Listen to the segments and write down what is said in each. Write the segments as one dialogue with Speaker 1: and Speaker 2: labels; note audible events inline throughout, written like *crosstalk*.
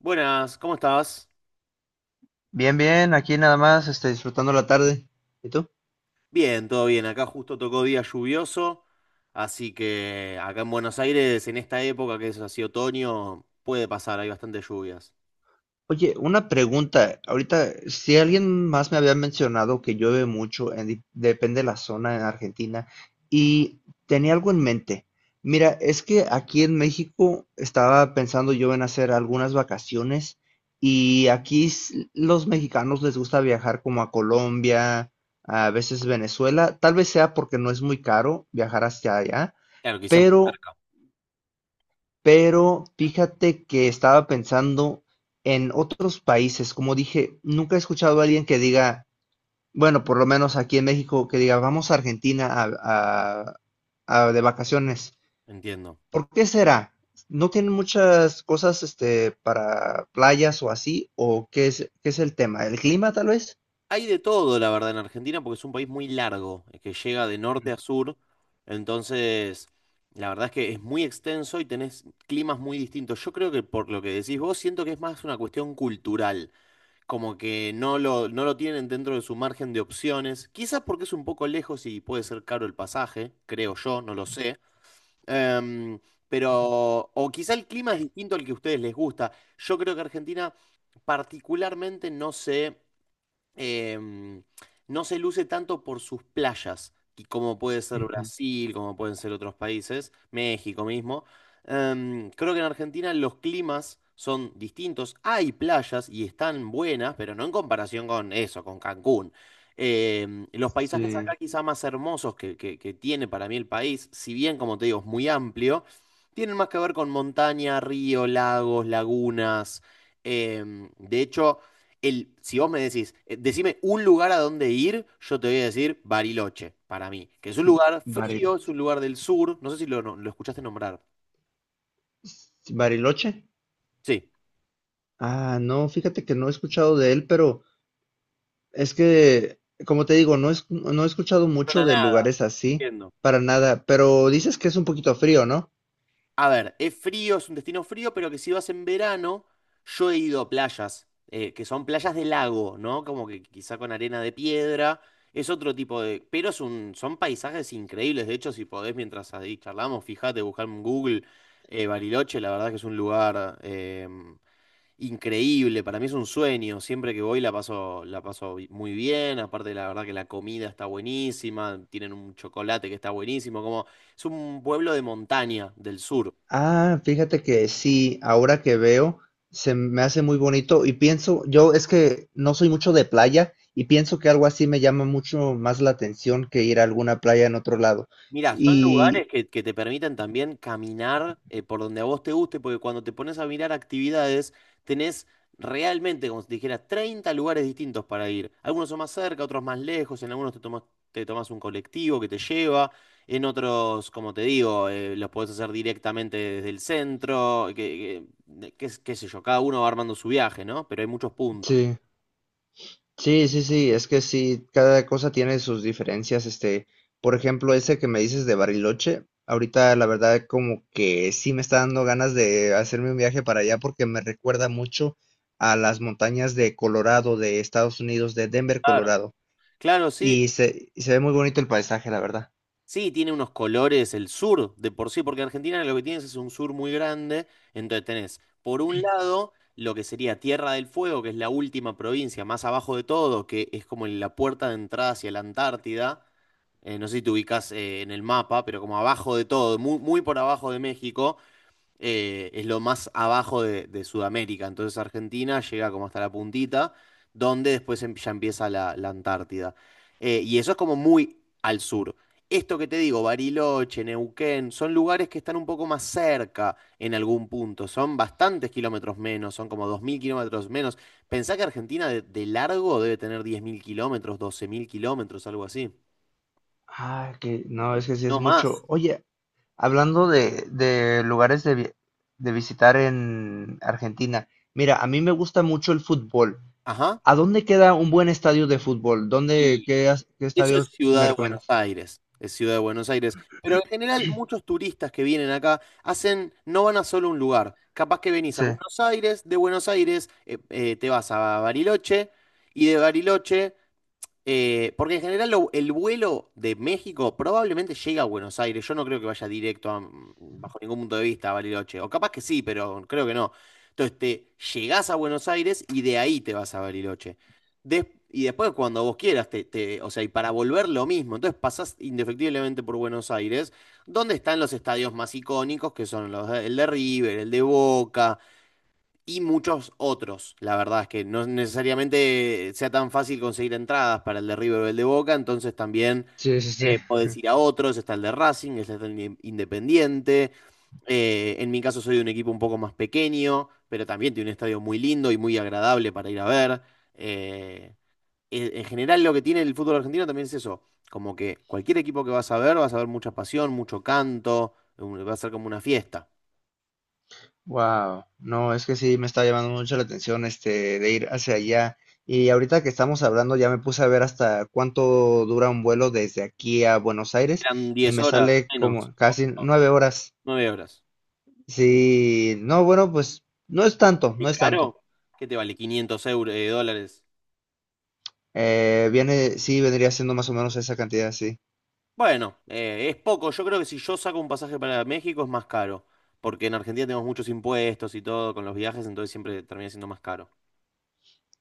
Speaker 1: Buenas, ¿cómo estás?
Speaker 2: Bien, bien, aquí nada más, disfrutando la tarde. ¿Y tú?
Speaker 1: Bien, todo bien. Acá justo tocó día lluvioso, así que acá en Buenos Aires, en esta época que es así otoño, puede pasar, hay bastantes lluvias.
Speaker 2: Oye, una pregunta. Ahorita, si alguien más me había mencionado que llueve mucho, depende de la zona en Argentina, y tenía algo en mente. Mira, es que aquí en México estaba pensando yo en hacer algunas vacaciones y los mexicanos les gusta viajar como a Colombia, a veces Venezuela. Tal vez sea porque no es muy caro viajar hacia allá,
Speaker 1: Claro, quizás
Speaker 2: pero... Pero fíjate que estaba pensando en otros países, como dije, nunca he escuchado a alguien que diga, bueno, por lo menos aquí en México, que diga, vamos a Argentina a- de vacaciones.
Speaker 1: no, entiendo.
Speaker 2: ¿Por qué será? ¿No tienen muchas cosas para playas o así? ¿O qué es el tema? ¿El clima tal vez?
Speaker 1: Hay de todo, la verdad, en Argentina, porque es un país muy largo, que llega de norte a sur, entonces la verdad es que es muy extenso y tenés climas muy distintos. Yo creo que por lo que decís vos, siento que es más una cuestión cultural, como que no lo tienen dentro de su margen de opciones, quizás porque es un poco lejos y puede ser caro el pasaje, creo yo, no lo sé. Em, pero, o quizá el clima es distinto al que a ustedes les gusta. Yo creo que Argentina particularmente no sé, em, no se luce tanto por sus playas, y como puede ser
Speaker 2: Ujú.
Speaker 1: Brasil, como pueden ser otros países, México mismo. Creo que en Argentina los climas son distintos. Hay playas y están buenas, pero no en comparación con eso, con Cancún. Los paisajes
Speaker 2: Sí.
Speaker 1: acá quizá más hermosos que tiene para mí el país, si bien, como te digo, es muy amplio, tienen más que ver con montaña, río, lagos, lagunas. De hecho, si vos me decís, decime un lugar a donde ir, yo te voy a decir Bariloche, para mí, que es un
Speaker 2: Mm,
Speaker 1: lugar
Speaker 2: Baril-
Speaker 1: frío, es un lugar del sur, no sé si lo, no- lo escuchaste nombrar.
Speaker 2: Bariloche.
Speaker 1: Sí.
Speaker 2: Ah, no, fíjate que no he escuchado de él, pero... Es que, como te digo, no he escuchado
Speaker 1: Suena
Speaker 2: mucho de
Speaker 1: nada,
Speaker 2: lugares así,
Speaker 1: entiendo.
Speaker 2: para nada, pero dices que es un poquito frío, ¿no?
Speaker 1: A ver, es frío, es un destino frío, pero que si vas en verano, yo he ido a playas, que son playas de lago, ¿no? Como que quizá con arena de piedra, es otro tipo de. Pero son paisajes increíbles, de hecho, si podés, mientras ahí charlamos, fíjate, buscar en Google, Bariloche, la verdad que es un lugar increíble, para mí es un sueño, siempre que voy la paso muy bien, aparte la verdad que la comida está buenísima, tienen un chocolate que está buenísimo, como es un pueblo de montaña del sur.
Speaker 2: Ah, fíjate que sí, ahora que veo, se me hace muy bonito y pienso, yo es que no soy mucho de playa y pienso que algo así me llama mucho más la atención que ir a alguna playa en otro lado.
Speaker 1: Mira, son lugares
Speaker 2: Y
Speaker 1: que, te permiten también caminar por donde a vos te guste, porque cuando te pones a mirar actividades, tenés realmente, como si te dijera, 30 lugares distintos para ir. Algunos son más cerca, otros más lejos, en algunos te tomas un colectivo que te lleva, en otros, como te digo, los podés hacer directamente desde el centro, qué sé yo, cada uno va armando su viaje, ¿no? Pero hay muchos puntos.
Speaker 2: sí. Sí, sí, sí, es que sí, cada cosa tiene sus diferencias, por ejemplo, ese que me dices de Bariloche, ahorita la verdad como que sí me está dando ganas de hacerme un viaje para allá porque me recuerda mucho a las montañas de Colorado, de Estados Unidos, de Denver,
Speaker 1: Claro.
Speaker 2: Colorado,
Speaker 1: Claro, sí.
Speaker 2: y se ve muy bonito el paisaje, la verdad.
Speaker 1: Sí, tiene unos colores el sur de por sí, porque Argentina lo que tienes es un sur muy grande, entonces tenés por un lado lo que sería Tierra del Fuego, que es la última provincia más abajo de todo, que es como la puerta de entrada hacia la Antártida. No sé si te ubicás en el mapa, pero como abajo de todo, muy, muy por abajo de México. Es lo más abajo de Sudamérica. Entonces Argentina llega como hasta la puntita, donde después ya empieza la Antártida. Y eso es como muy al sur. Esto que te digo, Bariloche, Neuquén, son lugares que están un poco más cerca en algún punto. Son bastantes kilómetros menos, son como 2.000 kilómetros menos. Pensá que Argentina de largo debe tener 10.000 kilómetros, 12.000 kilómetros, algo así.
Speaker 2: Ah, que no, es que sí es
Speaker 1: No
Speaker 2: mucho.
Speaker 1: más.
Speaker 2: Oye, hablando de lugares de visitar en Argentina, mira, a mí me gusta mucho el fútbol.
Speaker 1: Ajá.
Speaker 2: ¿A dónde queda un buen estadio de fútbol? ¿Qué
Speaker 1: Eso es
Speaker 2: estadio
Speaker 1: Ciudad
Speaker 2: me
Speaker 1: de Buenos
Speaker 2: recomiendas?
Speaker 1: Aires, es Ciudad de Buenos Aires. Pero en general muchos turistas que vienen acá hacen, no van a solo un lugar. Capaz que venís a
Speaker 2: Sí.
Speaker 1: Buenos Aires, de Buenos Aires te vas a Bariloche y de Bariloche, porque en general el vuelo de México probablemente llega a Buenos Aires. Yo no creo que vaya directo bajo ningún punto de vista a Bariloche. O capaz que sí, pero creo que no. Entonces te llegás a Buenos Aires y de ahí te vas a Bariloche. Y después cuando vos quieras, o sea, y para volver lo mismo. Entonces pasás indefectiblemente por Buenos Aires, donde están los estadios más icónicos, que son el de River, el de Boca y muchos otros. La verdad es que no necesariamente sea tan fácil conseguir entradas para el de River o el de Boca, entonces también,
Speaker 2: Sí, sí, sí.
Speaker 1: podés ir a otros, está el de Racing, está el de Independiente. En mi caso soy de un equipo un poco más pequeño, pero también tiene un estadio muy lindo y muy agradable para ir a ver. Eh, en general lo que tiene el fútbol argentino también es eso, como que cualquier equipo que vas a ver mucha pasión, mucho canto, va a ser como una fiesta.
Speaker 2: Wow, no, es que sí me está llamando mucho la atención este de ir hacia allá. Y ahorita que estamos hablando, ya me puse a ver hasta cuánto dura un vuelo desde aquí a Buenos Aires
Speaker 1: Eran
Speaker 2: y
Speaker 1: 10
Speaker 2: me
Speaker 1: horas,
Speaker 2: sale
Speaker 1: menos,
Speaker 2: como casi nueve horas.
Speaker 1: 9 horas.
Speaker 2: Sí, no, bueno, pues no es tanto, no
Speaker 1: ¿Qué
Speaker 2: es tanto.
Speaker 1: caro? ¿Qué te vale 500 euros, dólares?
Speaker 2: Viene, sí, vendría siendo más o menos esa cantidad, sí.
Speaker 1: Bueno, es poco. Yo creo que si yo saco un pasaje para México es más caro, porque en Argentina tenemos muchos impuestos y todo con los viajes, entonces siempre termina siendo más caro.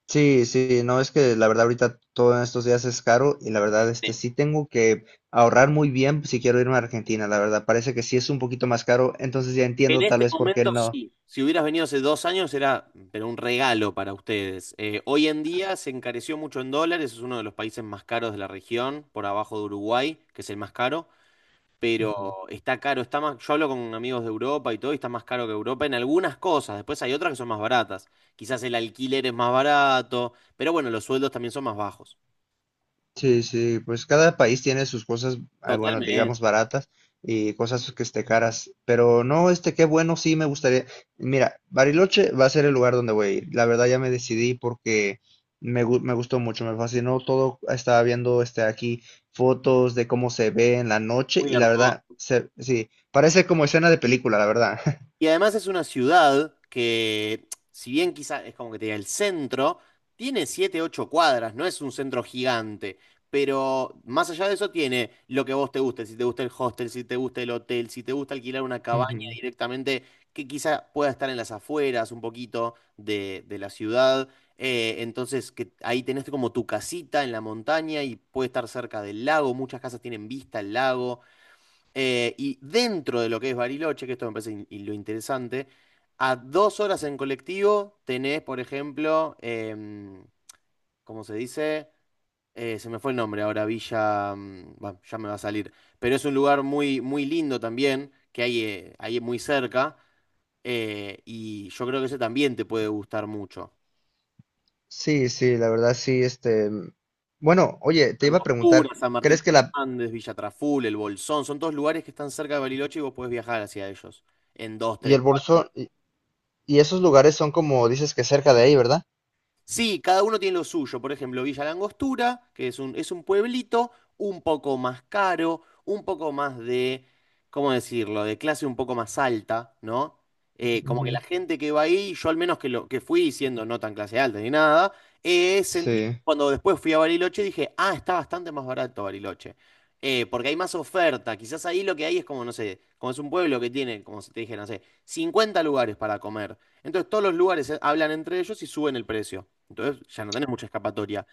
Speaker 2: Sí, sí, no, es que la verdad ahorita todo en estos días es caro y la verdad este
Speaker 1: Sí.
Speaker 2: sí tengo que ahorrar muy bien si quiero irme a Argentina, la verdad parece que sí es un poquito más caro, entonces ya
Speaker 1: En
Speaker 2: entiendo tal
Speaker 1: este
Speaker 2: vez por qué
Speaker 1: momento
Speaker 2: no.
Speaker 1: sí. Si hubieras venido hace 2 años era, pero un regalo para ustedes. Hoy en día se encareció mucho en dólares, es uno de los países más caros de la región, por abajo de Uruguay, que es el más caro. Pero
Speaker 2: Ujú.
Speaker 1: está caro, está más, yo hablo con amigos de Europa y todo, y está más caro que Europa en algunas cosas, después hay otras que son más baratas, quizás el alquiler es más barato, pero bueno, los sueldos también son más bajos.
Speaker 2: Sí, sí, pues cada país tiene sus cosas, ah, bueno, digamos
Speaker 1: Totalmente,
Speaker 2: baratas y cosas que esté caras, pero no, este, qué bueno, sí me gustaría. Mira, Bariloche va a ser el lugar donde voy a ir. La verdad ya me decidí porque me gustó mucho, me fascinó todo. Estaba viendo este aquí fotos de cómo se ve en la noche
Speaker 1: muy
Speaker 2: y la
Speaker 1: hermoso.
Speaker 2: verdad, sí, parece como escena de película, la verdad. *laughs*
Speaker 1: Y además es una ciudad que, si bien quizás es como que te diga el centro, tiene 7 8 cuadras, no es un centro gigante. Pero más allá de eso tiene lo que a vos te guste, si te gusta el hostel, si te gusta el hotel, si te gusta alquilar una cabaña
Speaker 2: Ujú.
Speaker 1: directamente, que quizá pueda estar en las afueras un poquito de la ciudad. Entonces, que ahí tenés como tu casita en la montaña y puede estar cerca del lago, muchas casas tienen vista al lago. Y dentro de lo que es Bariloche, que esto me parece y lo interesante, a 2 horas en colectivo tenés, por ejemplo, ¿cómo se dice? Se me fue el nombre ahora, Villa, bueno, ya me va a salir, pero es un lugar muy, muy lindo también, que hay ahí muy cerca, y yo creo que ese también te puede gustar mucho.
Speaker 2: Sí, sí, la verdad sí, bueno, oye, te iba a preguntar,
Speaker 1: Angostura, San Martín
Speaker 2: ¿crees
Speaker 1: de
Speaker 2: que
Speaker 1: los
Speaker 2: la
Speaker 1: Andes, Villa Traful, El Bolsón, son todos lugares que están cerca de Bariloche y vos podés viajar hacia ellos en dos,
Speaker 2: y
Speaker 1: tres,
Speaker 2: el
Speaker 1: cuatro.
Speaker 2: bolso y esos lugares son como dices que cerca de ahí, ¿verdad?
Speaker 1: Sí, cada uno tiene lo suyo. Por ejemplo, Villa Langostura, que es un pueblito un poco más caro, un poco más de, ¿cómo decirlo?, de clase un poco más alta, ¿no? Como que
Speaker 2: Ujú.
Speaker 1: la gente que va ahí, yo al menos que fui siendo no tan clase alta ni nada, sentí
Speaker 2: Sí.
Speaker 1: cuando después fui a Bariloche dije, ah, está bastante más barato Bariloche. Porque hay más oferta. Quizás ahí lo que hay es como, no sé, como es un pueblo que tiene, como si te dije, no sé, 50 lugares para comer. Entonces todos los lugares, hablan entre ellos y suben el precio. Entonces ya no tenés mucha escapatoria.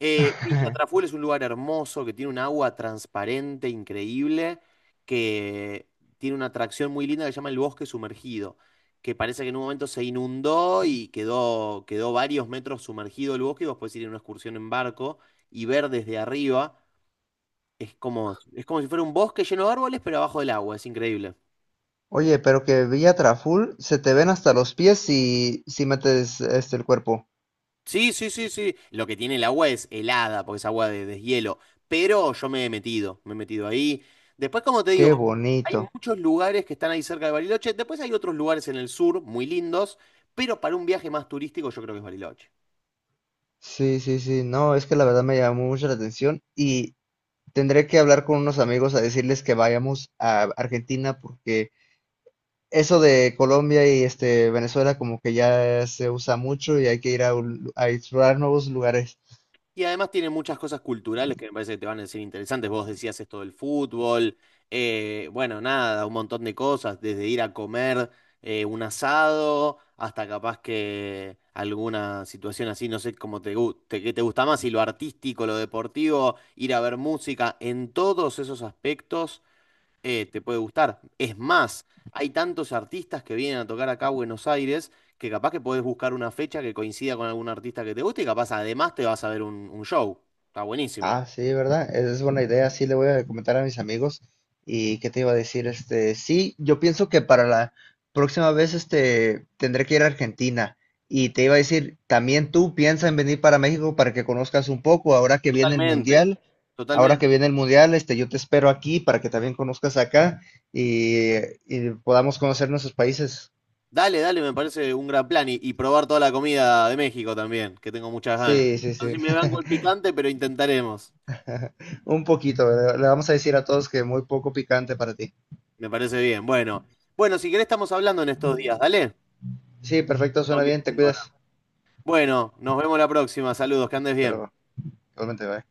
Speaker 1: Villa Traful
Speaker 2: *laughs*
Speaker 1: es un lugar hermoso que tiene un agua transparente, increíble, que tiene una atracción muy linda que se llama el bosque sumergido, que parece que en un momento se inundó y quedó varios metros sumergido el bosque y vos podés ir en una excursión en barco y ver desde arriba. Es como si fuera un bosque lleno de árboles, pero abajo del agua. Es increíble.
Speaker 2: Oye, pero que Villa Traful se te ven hasta los pies si metes este el cuerpo.
Speaker 1: Sí, sí, sí, sí. Lo que tiene el agua es helada, porque es agua de deshielo. Pero yo me he metido ahí. Después, como te digo,
Speaker 2: Qué
Speaker 1: hay
Speaker 2: bonito.
Speaker 1: muchos lugares que están ahí cerca de Bariloche. Después hay otros lugares en el sur muy lindos, pero para un viaje más turístico yo creo que es Bariloche.
Speaker 2: Sí, sí, sí. No, es que la verdad me llamó mucho la atención y tendré que hablar con unos amigos a decirles que vayamos a Argentina porque eso de Colombia y este Venezuela como que ya se usa mucho y hay que ir a explorar nuevos lugares.
Speaker 1: Y además tiene muchas cosas culturales que me parece que te van a decir interesantes. Vos decías esto del fútbol, bueno, nada, un montón de cosas, desde ir a comer un asado hasta capaz que alguna situación así, no sé cómo qué te gusta más, si lo artístico, lo deportivo, ir a ver música, en todos esos aspectos, te puede gustar. Es más, hay tantos artistas que vienen a tocar acá a Buenos Aires que capaz que podés buscar una fecha que coincida con algún artista que te guste y capaz además te vas a ver un show. Está buenísimo.
Speaker 2: Ah, sí, ¿verdad? Esa es buena idea. Sí, le voy a comentar a mis amigos. ¿Y qué te iba a decir? Este, sí, yo pienso que para la próxima vez, este, tendré que ir a Argentina. Y te iba a decir, también tú piensa en venir para México para que conozcas un poco.
Speaker 1: Totalmente.
Speaker 2: Ahora que
Speaker 1: Totalmente.
Speaker 2: viene el Mundial, este, yo te espero aquí para que también conozcas acá y, y podamos conocer nuestros países.
Speaker 1: Dale, dale, me parece un gran plan y probar toda la comida de México también, que tengo muchas ganas.
Speaker 2: Sí, sí,
Speaker 1: No sé
Speaker 2: sí.
Speaker 1: si me
Speaker 2: *laughs*
Speaker 1: banco el picante, pero intentaremos.
Speaker 2: Un poquito. Le vamos a decir a todos que muy poco picante para ti.
Speaker 1: Me parece bien. Bueno, bueno, si querés estamos hablando en estos días, dale.
Speaker 2: Sí, perfecto,
Speaker 1: Tengo
Speaker 2: suena
Speaker 1: que
Speaker 2: bien, te
Speaker 1: ir ahora.
Speaker 2: cuidas.
Speaker 1: Bueno, nos vemos la próxima. Saludos, que andes
Speaker 2: Hasta
Speaker 1: bien.
Speaker 2: luego. Igualmente, bye.